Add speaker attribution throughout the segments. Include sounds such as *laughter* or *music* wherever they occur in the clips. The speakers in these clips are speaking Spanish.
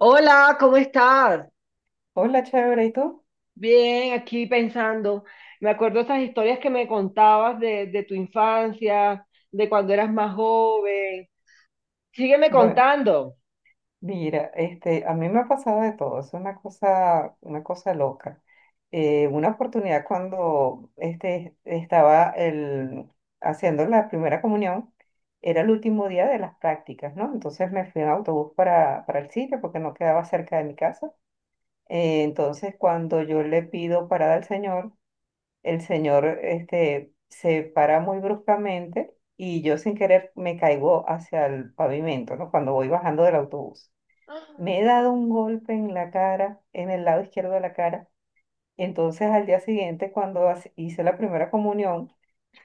Speaker 1: Hola, ¿cómo estás?
Speaker 2: Hola, chévere, ¿y tú?
Speaker 1: Bien, aquí pensando. Me acuerdo esas historias que me contabas de tu infancia, de cuando eras más joven. Sígueme
Speaker 2: Bueno,
Speaker 1: contando.
Speaker 2: mira, a mí me ha pasado de todo, es una cosa loca. Una oportunidad cuando haciendo la primera comunión, era el último día de las prácticas, ¿no? Entonces me fui en autobús para el sitio porque no quedaba cerca de mi casa. Entonces cuando yo le pido parada al Señor, el señor este se para muy bruscamente y yo sin querer me caigo hacia el pavimento, ¿no? Cuando voy bajando del autobús. Me he dado un golpe en la cara, en el lado izquierdo de la cara. Entonces al día siguiente, cuando hice la primera comunión,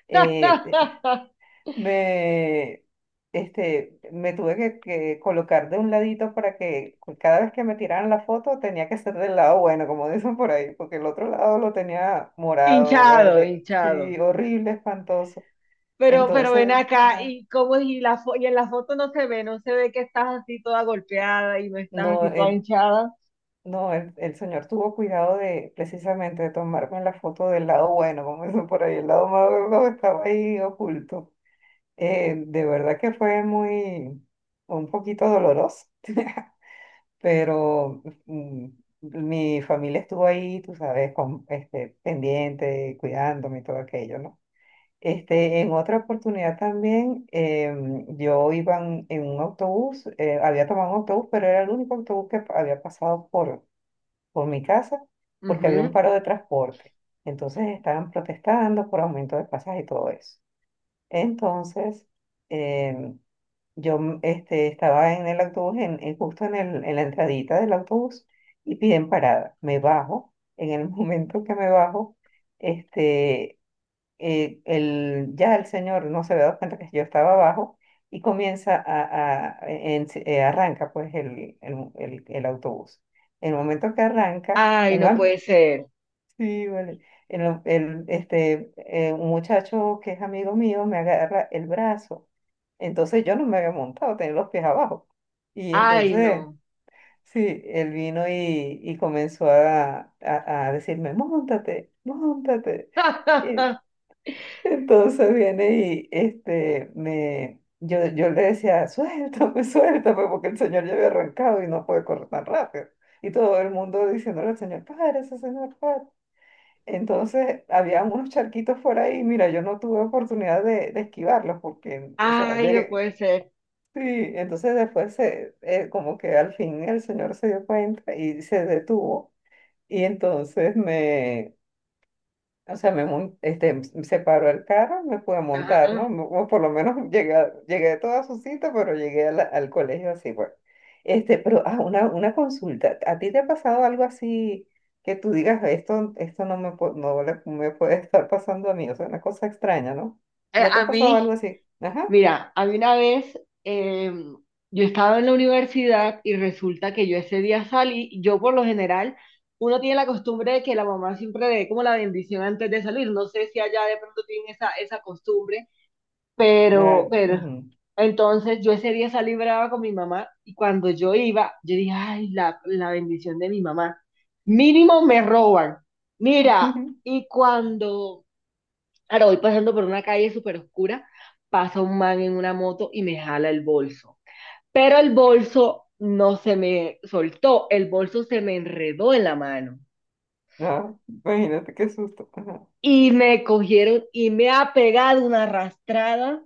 Speaker 2: eh,
Speaker 1: *laughs*
Speaker 2: me, me tuve que colocar de un ladito para que cada vez que me tiraran la foto tenía que ser del lado bueno, como *laughs* dicen por ahí, porque el otro lado lo tenía morado,
Speaker 1: Hinchado,
Speaker 2: verde, sí,
Speaker 1: hinchado.
Speaker 2: horrible, espantoso.
Speaker 1: Pero ven
Speaker 2: Entonces,
Speaker 1: acá,
Speaker 2: ajá,
Speaker 1: ¿y cómo es? Y la y en la foto no se ve, no se ve que estás así toda golpeada y no estás
Speaker 2: no,
Speaker 1: así toda
Speaker 2: el,
Speaker 1: hinchada.
Speaker 2: no, el señor tuvo cuidado de precisamente de tomarme la foto del lado bueno, como dicen por ahí, el lado malo estaba ahí oculto. De verdad que fue un poquito doloroso pero mi familia estuvo ahí, tú sabes, con, este, pendiente, cuidándome y todo aquello, ¿no? En otra oportunidad también, yo iba en un autobús, había tomado un autobús, pero era el único autobús que había pasado por mi casa porque había un
Speaker 1: Ujú.
Speaker 2: paro de transporte. Entonces estaban protestando por aumento de pasajes y todo eso. Entonces, em, yo estaba en el autobús, justo en la entradita del autobús, y piden parada. Me bajo, en el *laughs* momento que me bajo, este, ya el señor no se había dado cuenta que yo estaba abajo y comienza arranca pues el autobús. En el momento que arranca,
Speaker 1: Ay, no puede ser.
Speaker 2: sí, vale. El, o- el, este, un muchacho que es amigo mío me agarra el brazo. Entonces yo no me había montado, tenía los pies abajo. Y
Speaker 1: Ay,
Speaker 2: entonces,
Speaker 1: no.
Speaker 2: sí, él vino y comenzó a decirme, móntate, móntate. Y
Speaker 1: *laughs*
Speaker 2: entonces viene y yo le decía, suéltame, *laughs* suéltame, porque el señor ya había arrancado y no puede correr tan rápido. Y todo el mundo diciéndole al señor, párese, señor, párese. Entonces, había unos charquitos por ahí, mira, yo no tuve oportunidad de esquivarlos porque, o sea,
Speaker 1: Ay, no
Speaker 2: llegué,
Speaker 1: puede ser.
Speaker 2: sí, entonces después se, como que al fin el señor se dio cuenta y se detuvo y entonces o sea, se paró el carro, me pude montar,
Speaker 1: Ajá.
Speaker 2: ¿no? O por lo menos *laughs* llegué, llegué a toda su cita, pero llegué a al colegio así, pues. Pero, ah, una consulta. ¿A ti te ha pasado algo así que tú digas, esto no me, pu- no le- me puede *laughs* estar pasando a mí? O sea, una cosa extraña, ¿no?
Speaker 1: Eh,
Speaker 2: ¿No te
Speaker 1: a
Speaker 2: ha pasado algo
Speaker 1: mí,
Speaker 2: así? Ajá.
Speaker 1: Mira, a mí una vez eh, yo estaba en la universidad y resulta que yo ese día salí, yo por lo general, uno tiene la costumbre de que la mamá siempre le dé como la bendición antes de salir, no sé si allá de pronto tienen esa, esa costumbre,
Speaker 2: Ay,
Speaker 1: pero,
Speaker 2: ujú.
Speaker 1: pero, entonces yo ese día salí brava con mi mamá y cuando yo iba, yo dije, ay, la bendición de mi mamá, mínimo me roban, mira,
Speaker 2: *laughs*
Speaker 1: y cuando... Ahora voy pasando por una calle súper oscura, pasa un man en una moto y me jala el bolso. Pero el bolso no se me soltó, el bolso se me enredó en la mano.
Speaker 2: No, imagínate qué susto. Ajá.
Speaker 1: Y me cogieron y me ha pegado una arrastrada.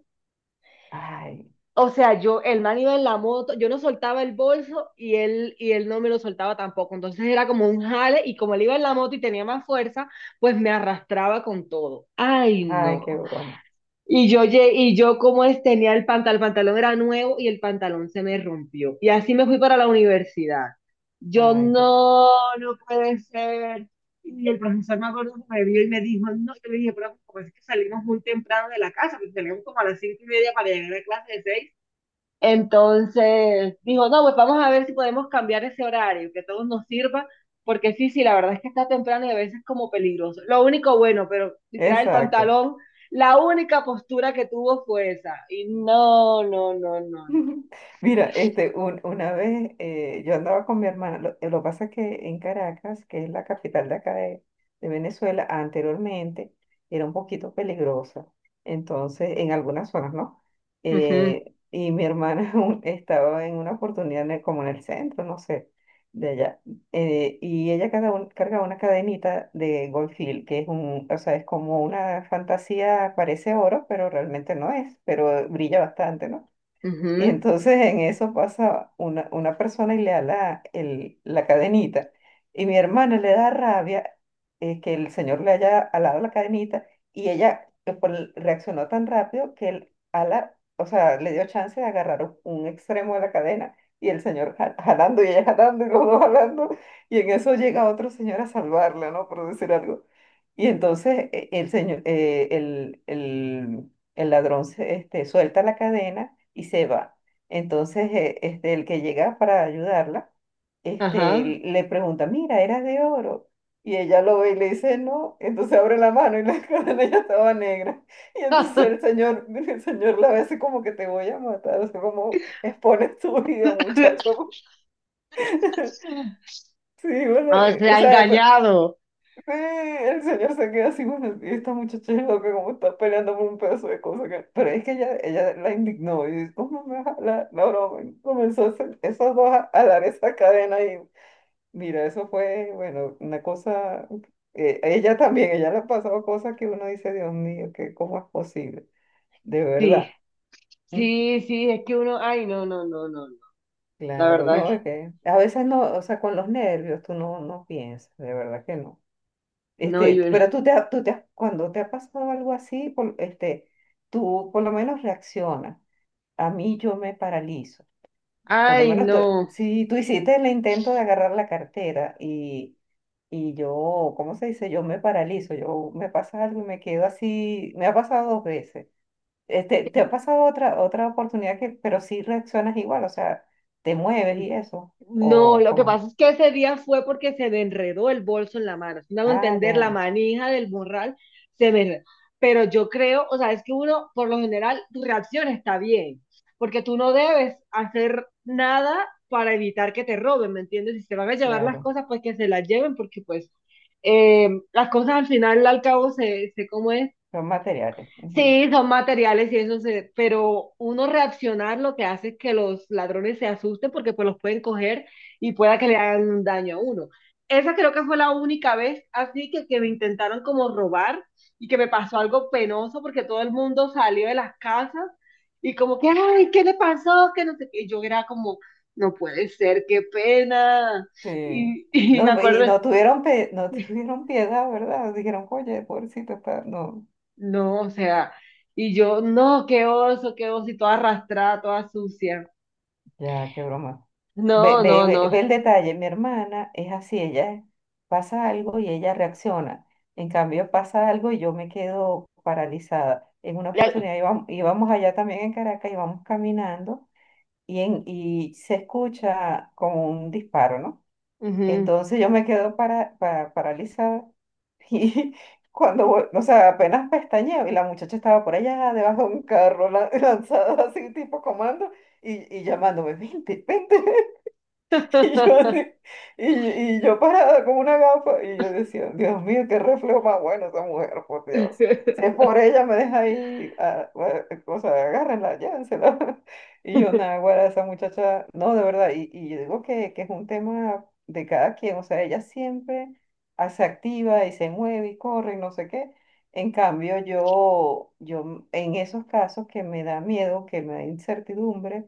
Speaker 2: Ay,
Speaker 1: O sea, yo, el man iba en la moto, yo no soltaba el bolso y él no me lo soltaba tampoco. Entonces era como un jale y como él iba en la moto y tenía más fuerza, pues me arrastraba con todo. Ay,
Speaker 2: ay,
Speaker 1: no.
Speaker 2: qué broma.
Speaker 1: Y yo, y yo como es, tenía el pantalón era nuevo y el pantalón se me rompió. Y así me fui para la universidad. Yo,
Speaker 2: Ay, qué...
Speaker 1: no, no puede ser. Y el profesor me acuerdo que me vio y me dijo, no, yo le dije, pero como es que salimos muy temprano de la casa, porque salimos como a las 5:30 para llegar a clase de 6. Entonces dijo, no, pues vamos a ver si podemos cambiar ese horario, que a todos nos sirva, porque sí, sí, la verdad es que está temprano y a veces como peligroso. Lo único bueno, pero si trae el
Speaker 2: Exacto.
Speaker 1: pantalón, la única postura que tuvo fue esa. Y no, no, no, no, no.
Speaker 2: *laughs* Mira, una vez yo andaba con mi hermana, lo pasa que en Caracas, que es la capital de acá de Venezuela, anteriormente era un poquito peligrosa, entonces en algunas zonas, ¿no?
Speaker 1: Ujú,
Speaker 2: Y mi hermana *laughs* estaba en una oportunidad en como en el centro, no sé, de allá, y ella cargaba una cadenita de Goldfield, que es un, o sea, es como una fantasía, parece oro, pero realmente no es, pero brilla bastante, ¿no? Y
Speaker 1: ujú,
Speaker 2: entonces en eso pasa una persona y le da la cadenita. Y mi hermana le da rabia que el señor le haya alado la cadenita y ella reaccionó tan rápido que el ala, o sea, le dio chance de agarrar un extremo de la cadena y el señor jalando y ella jalando y los dos jalando. Y en eso llega otro señor a salvarla, ¿no? Por decir algo. Y entonces el señor, el ladrón suelta la cadena y se va. Entonces, el que llega para ayudarla,
Speaker 1: ajá.
Speaker 2: le pregunta, mira, era de oro. Y ella lo ve y le dice, no. Entonces abre la mano y la *laughs* cadena ya estaba negra. Y entonces el
Speaker 1: *laughs*
Speaker 2: señor, *laughs* el señor la ve así como que te voy a matar. O sea, como expones tu vida, muchacho. *laughs* Sí, bueno,
Speaker 1: O sea, engañado.
Speaker 2: sí, el señor se queda así, bueno, y esta muchacha es loca, como está peleando por un pedazo de cosa. Que-". Pero es que ella la indignó y dice, ¿cómo me vas a jalar la broma? Y comenzó a hacer esas dos a jalar esa cadena y mira, eso fue, bueno, una cosa, ella también, ella le ha pasado cosas que uno dice, Dios mío, que cómo es posible, de
Speaker 1: Sí,
Speaker 2: verdad. Mm,
Speaker 1: sí, sí, es que uno, ay, no, no, no, no, no. La
Speaker 2: Claro,
Speaker 1: verdad,
Speaker 2: no, es que a veces no, o sea, con los nervios tú no, no piensas, de verdad que no.
Speaker 1: no, yo,
Speaker 2: Pero tú te, tú te, cuando te ha pasado algo así, tú por lo menos reaccionas. A mí yo me paralizo. Por lo
Speaker 1: ay,
Speaker 2: menos
Speaker 1: no.
Speaker 2: si tú hiciste el intento de agarrar la cartera y yo, ¿cómo se dice? Yo me paralizo, yo me pasa algo y me quedo así. Me ha pasado dos veces. Te ha pasado otra oportunidad que, pero sí reaccionas igual, o sea, te mueves y eso.
Speaker 1: No,
Speaker 2: O
Speaker 1: lo que pasa
Speaker 2: cómo
Speaker 1: es que ese día fue porque se me enredó el bolso en la mano. Si me hago
Speaker 2: ah,
Speaker 1: entender, la
Speaker 2: ya,
Speaker 1: manija del morral se me enredó. Pero yo creo, o sea, es que uno, por lo general, tu reacción está bien, porque tú no debes hacer nada para evitar que te roben, ¿me entiendes? Si se van a llevar las
Speaker 2: claro,
Speaker 1: cosas, pues que se las lleven, porque pues las cosas al final, al cabo, se como es,
Speaker 2: son materiales.
Speaker 1: sí, son materiales y eso se, pero uno reaccionar lo que hace es que los ladrones se asusten porque pues los pueden coger y pueda que le hagan un daño a uno. Esa creo que fue la única vez así que me intentaron como robar y que me pasó algo penoso porque todo el mundo salió de las casas y como que, ay, ¿qué le pasó? Que no sé qué. Y yo era como, no puede ser, qué pena.
Speaker 2: Sí.
Speaker 1: Y, *laughs* y me
Speaker 2: No, y
Speaker 1: acuerdo,
Speaker 2: no tuvieron, no tuvieron piedad, ¿verdad? Dijeron, oye, pobrecito está. No,
Speaker 1: no, o sea, y yo, no, qué oso, y toda arrastrada, toda sucia.
Speaker 2: ya, qué broma. Ve,
Speaker 1: No,
Speaker 2: ve,
Speaker 1: no,
Speaker 2: ve,
Speaker 1: no.
Speaker 2: ve el detalle. Mi hermana es así, ella pasa algo y ella reacciona. En cambio, pasa algo y yo me quedo paralizada. En una oportunidad íbamos, allá también en Caracas, íbamos caminando y se escucha como un disparo, ¿no?
Speaker 1: Ujú.
Speaker 2: Entonces yo me quedo paralizada *laughs* y cuando, o sea, apenas pestañeo y la muchacha estaba por allá debajo de un carro *laughs* lanzada así tipo comando y llamándome, vente, vente. *laughs* Y yo, así-
Speaker 1: *laughs*
Speaker 2: y, y yo parada con una gafa y yo decía, Dios mío, qué reflejo más bueno esa mujer, por Dios. Si es por ella, me deja ahí, ah, bueno, o sea, agárrenla, llévensela. *laughs* Y yo, nada, güera, esa muchacha, no, de verdad, y yo digo que es un tema de cada quien, o sea, ella siempre ah, se activa y se mueve y corre y no sé qué. En cambio, yo en esos casos que me da miedo, que me da incertidumbre,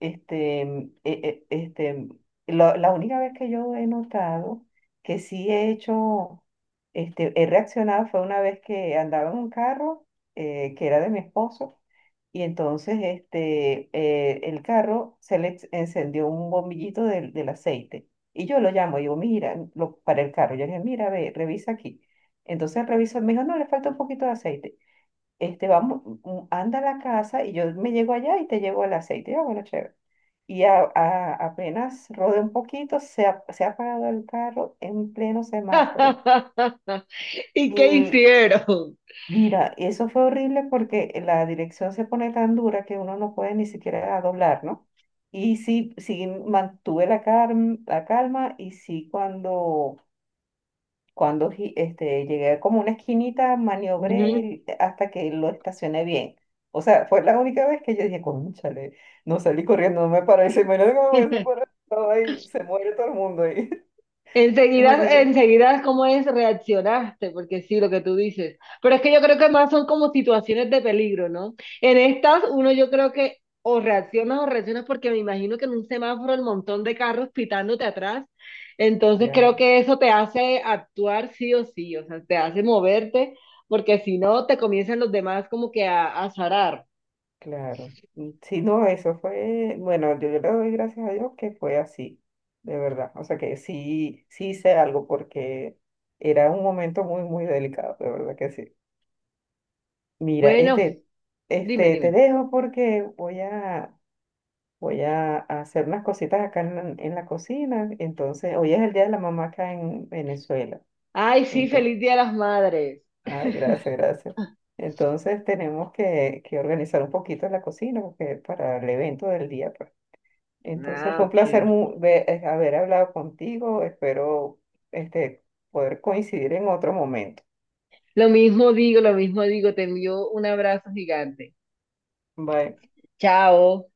Speaker 2: este, mm, e- e- este, la única vez que yo he notado que sí he hecho, he reaccionado fue una vez que andaba en un carro que era de mi esposo y entonces el carro se le encendió un bombillito del aceite y yo lo llamo, digo, mira, para el carro, yo le dije, mira, ve, revisa aquí. Entonces revisa, me dijo, no, le falta un poquito de aceite vamos, anda a la casa y yo me llego allá y te llevo el aceite. Ah, bueno, chévere. Y apenas rodé un poquito, se ha apagado el carro en pleno semáforo.
Speaker 1: ¿Y qué
Speaker 2: Y
Speaker 1: hicieron?
Speaker 2: mira, eso fue horrible porque la dirección se pone tan dura que uno no puede ni siquiera doblar, ¿no? Y sí, sí mantuve la calma y sí cuando cuando llegué como una esquinita, maniobré
Speaker 1: Ujú.
Speaker 2: hasta que lo estacioné bien. O sea, fue la única vez que yo dije, cónchale, no salí corriendo, no me paré, se me que me hubiese
Speaker 1: *laughs*
Speaker 2: parado ahí, se muere todo el mundo ahí. *laughs* Es
Speaker 1: Enseguida,
Speaker 2: horrible.
Speaker 1: enseguida, ¿cómo es? Reaccionaste, porque sí, lo que tú dices. Pero es que yo creo que más son como situaciones de peligro, ¿no? En estas, uno yo creo que o reaccionas porque me imagino que en un semáforo el montón de carros pitándote atrás. Entonces creo
Speaker 2: Claro,
Speaker 1: que eso te hace actuar sí o sí, o sea, te hace moverte, porque si no, te comienzan los demás como que a zarar.
Speaker 2: claro. Sí, no, eso fue, bueno, yo le doy gracias a Dios que fue así, de verdad. O sea que sí, sí hice algo porque era un momento muy, muy delicado, de verdad que sí. Mira,
Speaker 1: Bueno, dime,
Speaker 2: te
Speaker 1: dime.
Speaker 2: dejo porque voy a voy a hacer unas cositas acá en la cocina. Entonces, hoy es el día de la mamá acá en Venezuela.
Speaker 1: Ay, sí,
Speaker 2: Entonces,
Speaker 1: feliz Día de las Madres.
Speaker 2: ay, gracias, gracias. Entonces, tenemos que organizar un poquito la cocina porque para el evento del día, pues. Entonces,
Speaker 1: Ah,
Speaker 2: fue un
Speaker 1: ok.
Speaker 2: placer haber hablado contigo. Espero este, poder coincidir en otro momento.
Speaker 1: Lo mismo digo, te envío un abrazo gigante.
Speaker 2: Bye.
Speaker 1: Chao.